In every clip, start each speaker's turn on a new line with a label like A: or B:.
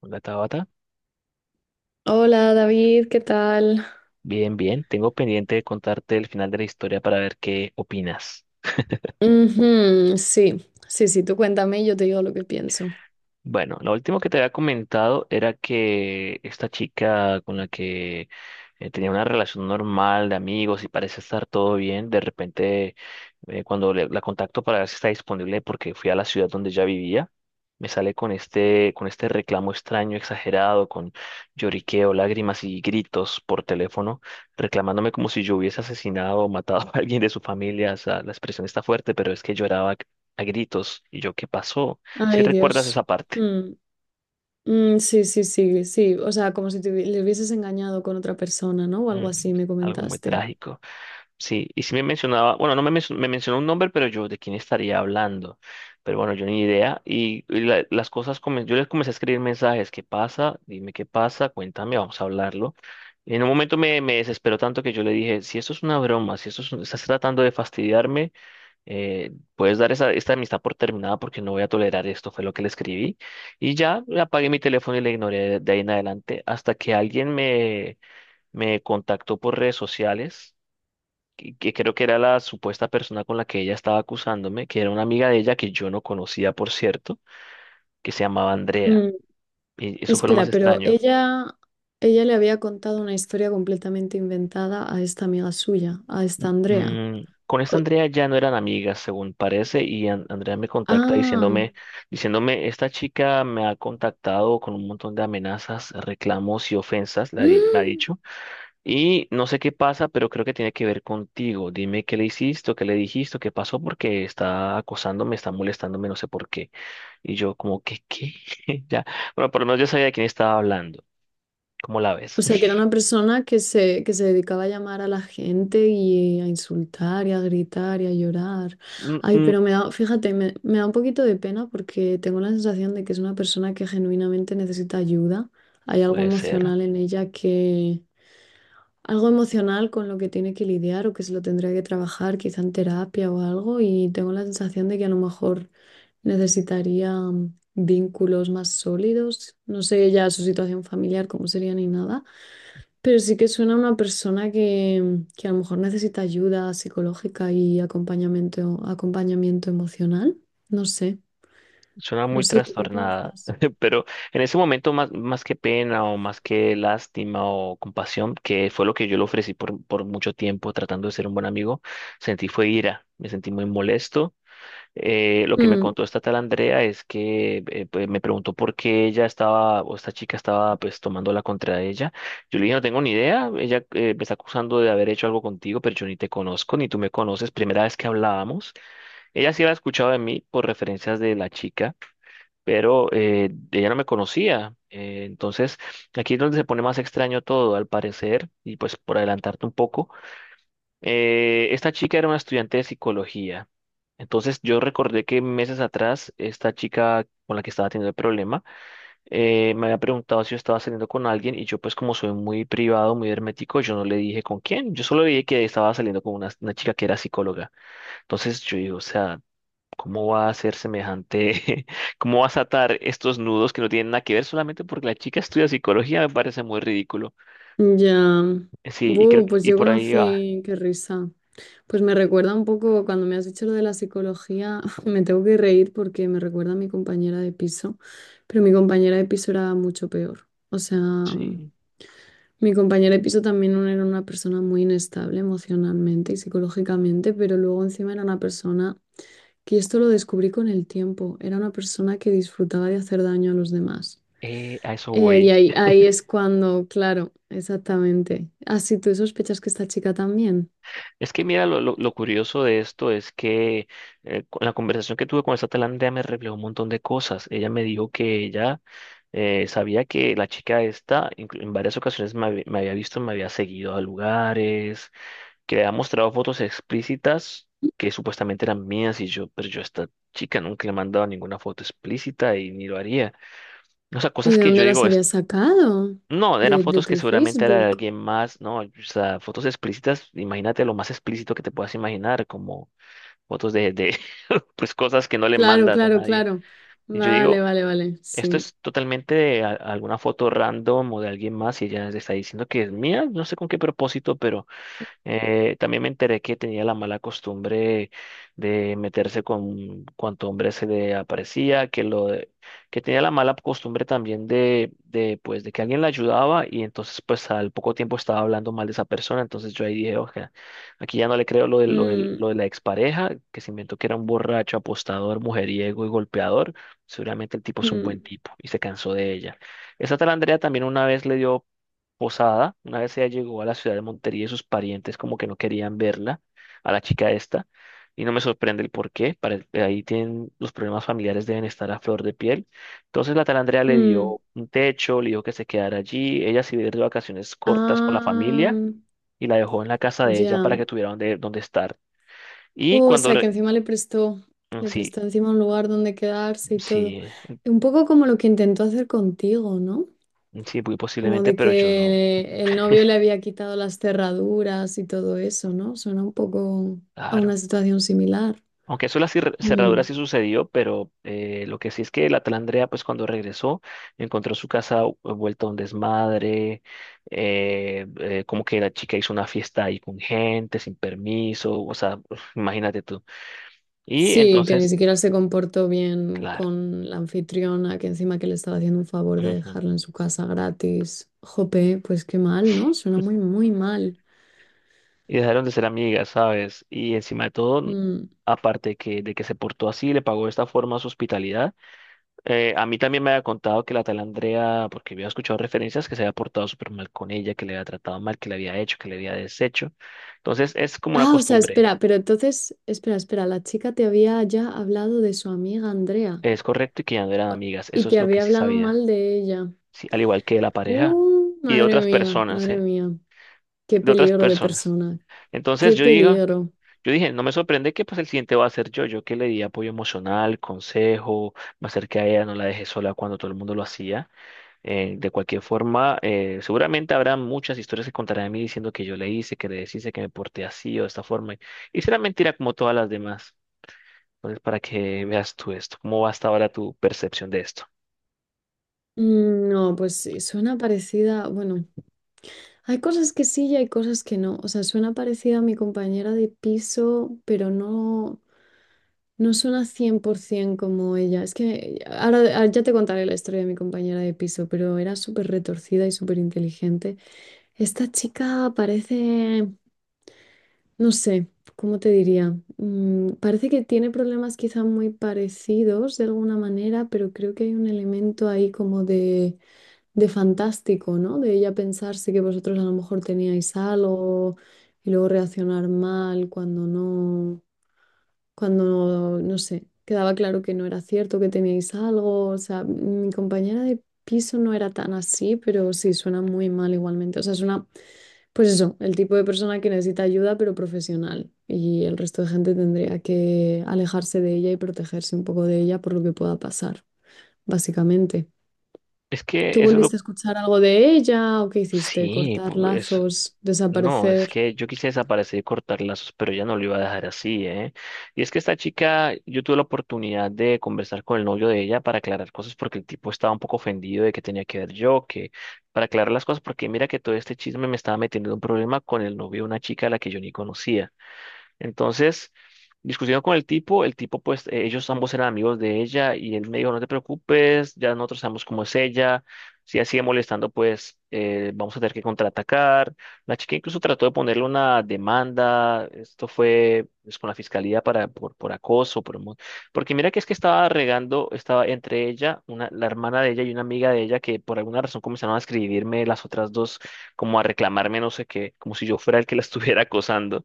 A: Hola Tabata,
B: Hola David, ¿qué tal?
A: bien, bien. Tengo pendiente de contarte el final de la historia para ver qué opinas.
B: Ujú, sí, sí, sí, tú cuéntame y yo te digo lo que pienso.
A: Bueno, lo último que te había comentado era que esta chica con la que tenía una relación normal de amigos y parece estar todo bien, de repente cuando la contacto para ver si está disponible porque fui a la ciudad donde ya vivía, me sale con este reclamo extraño, exagerado, con lloriqueo, lágrimas y gritos por teléfono, reclamándome como si yo hubiese asesinado o matado a alguien de su familia. O sea, la expresión está fuerte, pero es que lloraba a gritos. ¿Y yo qué pasó? Si
B: Ay,
A: recuerdas esa
B: Dios.
A: parte.
B: Mm, mm, sí, sí, sí, sí. O sea, como si le hubieses engañado con otra persona, ¿no? O
A: Mm,
B: algo así, me
A: Algo muy
B: comentaste.
A: trágico. Sí, y sí me mencionaba, bueno, no me, menc- me mencionó un nombre, pero yo de quién estaría hablando. Pero bueno, yo ni idea. Las cosas, yo les comencé a escribir mensajes. ¿Qué pasa? Dime qué pasa, cuéntame, vamos a hablarlo. Y en un momento me desesperó tanto que yo le dije, si esto es una broma, si esto es estás tratando de fastidiarme, puedes dar esta amistad por terminada porque no voy a tolerar esto, fue lo que le escribí. Y ya apagué mi teléfono y le ignoré de ahí en adelante hasta que alguien me contactó por redes sociales, que creo que era la supuesta persona con la que ella estaba acusándome, que era una amiga de ella que yo no conocía, por cierto, que se llamaba Andrea.
B: Mm,
A: Y eso fue lo más
B: espera, pero
A: extraño.
B: ella, ella le había contado una historia completamente inventada a esta amiga suya, a esta Andrea.
A: Con esta
B: O-
A: Andrea ya no eran amigas, según parece, y Andrea me contacta
B: ah.
A: diciéndome, esta chica me ha contactado con un montón de amenazas, reclamos y ofensas, me ha dicho. Y no sé qué pasa, pero creo que tiene que ver contigo. Dime qué le hiciste, o qué le dijiste, o qué pasó, porque está acosándome, está molestándome, no sé por qué. Y yo como que, ¿qué? Ya. Bueno, por lo menos yo sabía de quién estaba hablando. ¿Cómo la ves?
B: O sea, que era una persona que se dedicaba a llamar a la gente y a insultar y a gritar y a llorar.
A: Mm,
B: Ay,
A: mm,
B: pero me da, fíjate, me da un poquito de pena porque tengo la sensación de que es una persona que genuinamente necesita ayuda. Hay algo
A: puede ser.
B: emocional en ella que, algo emocional con lo que tiene que lidiar o que se lo tendría que trabajar, quizá en terapia o algo. Y tengo la sensación de que a lo mejor necesitaría vínculos más sólidos. No sé ya su situación familiar, cómo sería ni nada, pero sí que suena a una persona que a lo mejor necesita ayuda psicológica y acompañamiento, acompañamiento emocional. No sé,
A: Suena
B: no
A: muy
B: sé, ¿tú qué
A: trastornada,
B: piensas?
A: pero en ese momento más que pena o más que lástima o compasión, que fue lo que yo le ofrecí por mucho tiempo tratando de ser un buen amigo, sentí fue ira, me sentí muy molesto. Lo que me
B: Mm,
A: contó esta tal Andrea es que pues, me preguntó por qué ella estaba, o esta chica estaba pues tomándola contra ella. Yo le dije, no tengo ni idea, ella me está acusando de haber hecho algo contigo, pero yo ni te conozco, ni tú me conoces, primera vez que hablábamos. Ella sí había escuchado de mí por referencias de la chica, pero ella no me conocía. Entonces, aquí es donde se pone más extraño todo, al parecer, y pues por adelantarte un poco. Esta chica era una estudiante de psicología. Entonces yo recordé que meses atrás esta chica con la que estaba teniendo el problema me había preguntado si yo estaba saliendo con alguien y yo pues como soy muy privado, muy hermético, yo no le dije con quién, yo solo le dije que estaba saliendo con una chica que era psicóloga. Entonces yo digo, o sea, ¿cómo va a ser semejante? ¿Cómo vas a atar estos nudos que no tienen nada que ver solamente porque la chica estudia psicología? Me parece muy ridículo.
B: ya.
A: Sí, y creo
B: Buh,
A: que
B: pues
A: y
B: yo
A: por ahí va.
B: conocí, qué risa. Pues me recuerda un poco, cuando me has dicho lo de la psicología, me tengo que reír porque me recuerda a mi compañera de piso, pero mi compañera de piso era mucho peor. O sea,
A: Sí,
B: mi compañera de piso también era una persona muy inestable emocionalmente y psicológicamente, pero luego encima era una persona que, y esto lo descubrí con el tiempo, era una persona que disfrutaba de hacer daño a los demás.
A: a eso
B: Y
A: voy.
B: ahí, ahí es cuando, claro, exactamente. Así tú sospechas que esta chica también.
A: Es que mira, lo curioso de esto es que con la conversación que tuve con esta tailandesa me reveló un montón de cosas. Ella me dijo que ella sabía que la chica esta en varias ocasiones me había visto, me había seguido a lugares, que le había mostrado fotos explícitas que supuestamente eran mías y yo, pero yo a esta chica nunca le he mandado ninguna foto explícita y ni lo haría. O sea,
B: ¿Y
A: cosas
B: de
A: que yo
B: dónde las
A: digo, es,
B: habías sacado?
A: no, eran
B: De
A: fotos que
B: tu
A: seguramente era de
B: Facebook.
A: alguien más, ¿no? O sea, fotos explícitas, imagínate lo más explícito que te puedas imaginar, como fotos de pues cosas que no le
B: Claro,
A: mandas a
B: claro,
A: nadie.
B: claro.
A: Y yo
B: Vale,
A: digo,
B: vale, vale.
A: esto
B: Sí.
A: es totalmente de alguna foto random o de alguien más y ella le está diciendo que es mía, no sé con qué propósito, pero también me enteré que tenía la mala costumbre de meterse con cuanto hombre se le aparecía, que tenía la mala costumbre también de pues de que alguien la ayudaba y entonces pues al poco tiempo estaba hablando mal de esa persona, entonces yo ahí dije, oye, aquí ya no le creo
B: Mm,
A: lo de la expareja, que se inventó que era un borracho, apostador, mujeriego y golpeador, seguramente el tipo es un
B: mm,
A: buen tipo y se cansó de ella. Esa tal Andrea también una vez le dio posada. Una vez ella llegó a la ciudad de Montería y sus parientes como que no querían verla, a la chica esta, y no me sorprende el por qué, ahí tienen los problemas familiares deben estar a flor de piel. Entonces la tal Andrea le
B: mm.
A: dio un techo, le dijo que se quedara allí, ella se iba a ir de vacaciones cortas con la
B: Ah,
A: familia y la dejó en la casa de ella para
B: ya.
A: que tuviera donde, donde estar. Y
B: Oh, o sea, que encima
A: Mm,
B: le
A: sí,
B: prestó encima un lugar donde quedarse y todo.
A: sí,
B: Un poco como lo que intentó hacer contigo, ¿no?
A: mm, sí, muy
B: Como
A: posiblemente,
B: de
A: pero yo no.
B: que el novio le había quitado las cerraduras y todo eso, ¿no? Suena un poco a
A: Claro.
B: una situación similar.
A: Aunque eso de las cerraduras
B: Mm.
A: sí sucedió, pero lo que sí es que la tal Andrea, pues cuando regresó, encontró su casa vuelta a un desmadre, como que la chica hizo una fiesta ahí con gente, sin permiso, o sea, imagínate tú. Y
B: Sí, que ni
A: entonces,
B: siquiera se comportó bien
A: claro,
B: con la anfitriona, que encima que le estaba haciendo un favor de dejarla
A: ujú,
B: en su casa gratis. Jope, pues qué mal, ¿no? Suena muy, muy mal.
A: y dejaron de ser amigas, ¿sabes? Y encima de todo,
B: Mm.
A: aparte de que se portó así, le pagó de esta forma su hospitalidad. A mí también me había contado que la tal Andrea, porque había escuchado referencias, que se había portado súper mal con ella, que le había tratado mal, que le había hecho, que le había deshecho. Entonces es como una
B: Ah, o sea,
A: costumbre,
B: espera, pero entonces, espera, espera, la chica te había ya hablado de su amiga Andrea
A: es correcto y que ya no eran
B: o-
A: amigas,
B: y
A: eso
B: te
A: es lo que
B: había
A: sí
B: hablado
A: sabía,
B: mal de ella.
A: sí, al igual que de la pareja y de otras personas,
B: Madre
A: ¿eh?
B: mía, qué
A: De otras
B: peligro de
A: personas.
B: persona,
A: Entonces
B: qué
A: yo digo,
B: peligro.
A: yo dije, no me sorprende que pues el siguiente va a ser yo, yo que le di apoyo emocional, consejo, me acerqué a ella, no la dejé sola cuando todo el mundo lo hacía. De cualquier forma, seguramente habrá muchas historias que contarán de mí diciendo que yo le hice, que le deshice, que me porté así o de esta forma. Y será mentira como todas las demás. Entonces, para que veas tú esto, cómo va hasta ahora tu percepción de esto.
B: Mm, no, pues sí, suena parecida, bueno, hay cosas que sí y hay cosas que no. O sea, suena parecida a mi compañera de piso, pero no. No suena 100% como ella. Es que ahora ya te contaré la historia de mi compañera de piso, pero era súper retorcida y súper inteligente. Esta chica parece, no sé, ¿cómo te diría? Mm, parece que tiene problemas quizá muy parecidos de alguna manera, pero creo que hay un elemento ahí como de fantástico, ¿no? De ella pensarse que vosotros a lo mejor teníais algo y luego reaccionar mal cuando no, cuando, no sé, quedaba claro que no era cierto, que teníais algo. O sea, mi compañera de piso no era tan así, pero sí, suena muy mal igualmente. O sea, suena, pues eso, el tipo de persona que necesita ayuda, pero profesional. Y el resto de gente tendría que alejarse de ella y protegerse un poco de ella por lo que pueda pasar, básicamente.
A: Es que
B: ¿Tú
A: eso es lo...
B: volviste a escuchar algo de ella o qué hiciste?
A: Sí,
B: ¿Cortar lazos?
A: no, es
B: ¿Desaparecer?
A: que yo quise desaparecer y cortar lazos, pero ella no lo iba a dejar así, ¿eh? Y es que esta chica, yo tuve la oportunidad de conversar con el novio de ella para aclarar cosas porque el tipo estaba un poco ofendido de que tenía que ver yo, que para aclarar las cosas, porque mira que todo este chisme me estaba metiendo en un problema con el novio de una chica a la que yo ni conocía. Entonces, discutieron con el tipo pues ellos ambos eran amigos de ella y él me dijo, no te preocupes, ya nosotros sabemos cómo es ella, si ella sigue molestando pues vamos a tener que contraatacar. La chica incluso trató de ponerle una demanda, esto fue pues, con la fiscalía por acoso, porque mira que es que estaba regando, estaba entre ella, una, la hermana de ella y una amiga de ella que por alguna razón comenzaron a escribirme las otras dos como a reclamarme no sé qué, como si yo fuera el que la estuviera acosando.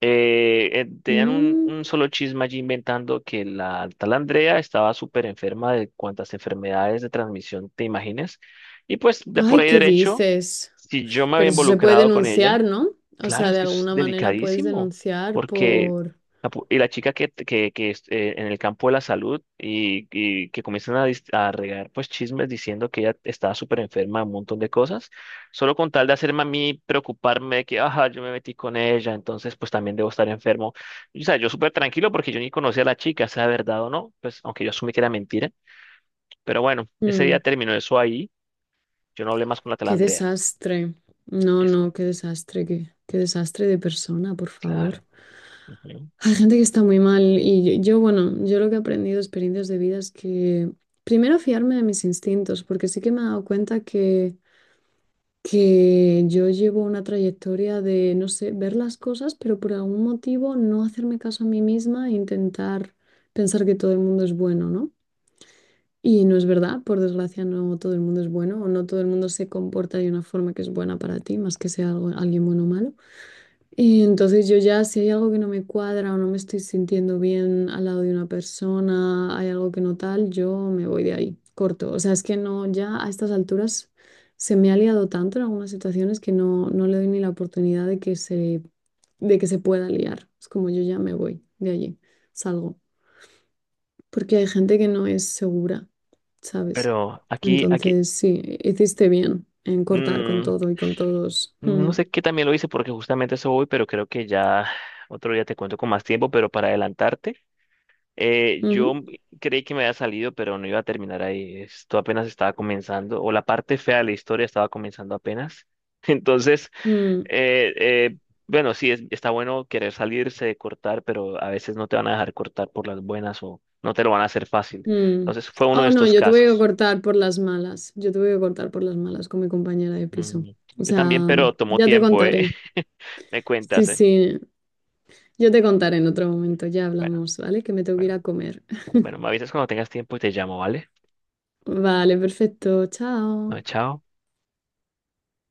A: Tenían
B: Mm,
A: un solo chisme allí inventando que la tal Andrea estaba súper enferma de cuantas enfermedades de transmisión te imagines. Y pues de por
B: ay,
A: ahí
B: ¿qué
A: derecho,
B: dices?
A: si yo me había
B: Pero eso se puede
A: involucrado con ella.
B: denunciar, ¿no? O
A: Claro,
B: sea,
A: es
B: de
A: que eso es
B: alguna manera puedes
A: delicadísimo,
B: denunciar
A: porque
B: por...
A: la, pu- y la chica que es, en el campo de la salud que comienzan a, a regar pues chismes diciendo que ella estaba súper enferma, un montón de cosas, solo con tal de hacerme a mí preocuparme de que, ajá, yo me metí con ella, entonces pues también debo estar enfermo. Y, o sea, yo súper tranquilo porque yo ni conocía a la chica, sea verdad o no, pues aunque yo asumí que era mentira, pero bueno, ese día
B: Mm,
A: terminó eso ahí, yo no hablé más con la tal
B: qué
A: Andrea.
B: desastre. No,
A: Es
B: no, qué desastre, qué, qué desastre de persona, por favor.
A: claro. Ujú.
B: Hay gente que está muy mal y yo, bueno, yo lo que he aprendido, experiencias de vida es que primero fiarme de mis instintos, porque sí que me he dado cuenta que yo llevo una trayectoria de, no sé, ver las cosas, pero por algún motivo no hacerme caso a mí misma e intentar pensar que todo el mundo es bueno, ¿no? Y no es verdad, por desgracia no todo el mundo es bueno o no todo el mundo se comporta de una forma que es buena para ti, más que sea alguien bueno o malo. Y entonces yo ya, si hay algo que no me cuadra o no me estoy sintiendo bien al lado de una persona, hay algo que no tal, yo me voy de ahí, corto. O sea, es que no, ya a estas alturas se me ha liado tanto en algunas situaciones que no, no le doy ni la oportunidad de que se pueda liar. Es como yo ya me voy de allí, salgo. Porque hay gente que no es segura, ¿sabes?
A: Pero
B: Entonces, sí, hiciste bien en cortar con
A: mm,
B: todo y con todos.
A: no
B: Mm,
A: sé qué también lo hice porque justamente eso voy, pero creo que ya otro día te cuento con más tiempo, pero para adelantarte, yo
B: ujú,
A: creí que me había salido, pero no iba a terminar ahí. Esto apenas estaba comenzando, o la parte fea de la historia estaba comenzando apenas. Entonces,
B: mm.
A: eh, eh, bueno, sí, está bueno querer salirse, cortar, pero a veces no te van a dejar cortar por las buenas o no te lo van a hacer fácil.
B: Mm.
A: Entonces, fue uno de
B: Oh, no,
A: estos
B: yo tuve que
A: casos.
B: cortar por las malas. Yo tuve que cortar por las malas con mi compañera de piso.
A: Mm,
B: O
A: yo
B: sea,
A: también, pero tomó
B: ya te
A: tiempo, ¿eh?
B: contaré.
A: Me
B: Sí,
A: cuentas, ¿eh?
B: sí, yo te contaré en otro momento. Ya
A: Bueno.
B: hablamos, ¿vale? Que me tengo que ir
A: Bueno,
B: a comer.
A: bueno, me avisas cuando tengas tiempo y te llamo, ¿vale?
B: Vale, perfecto.
A: No,
B: Chao.
A: chao.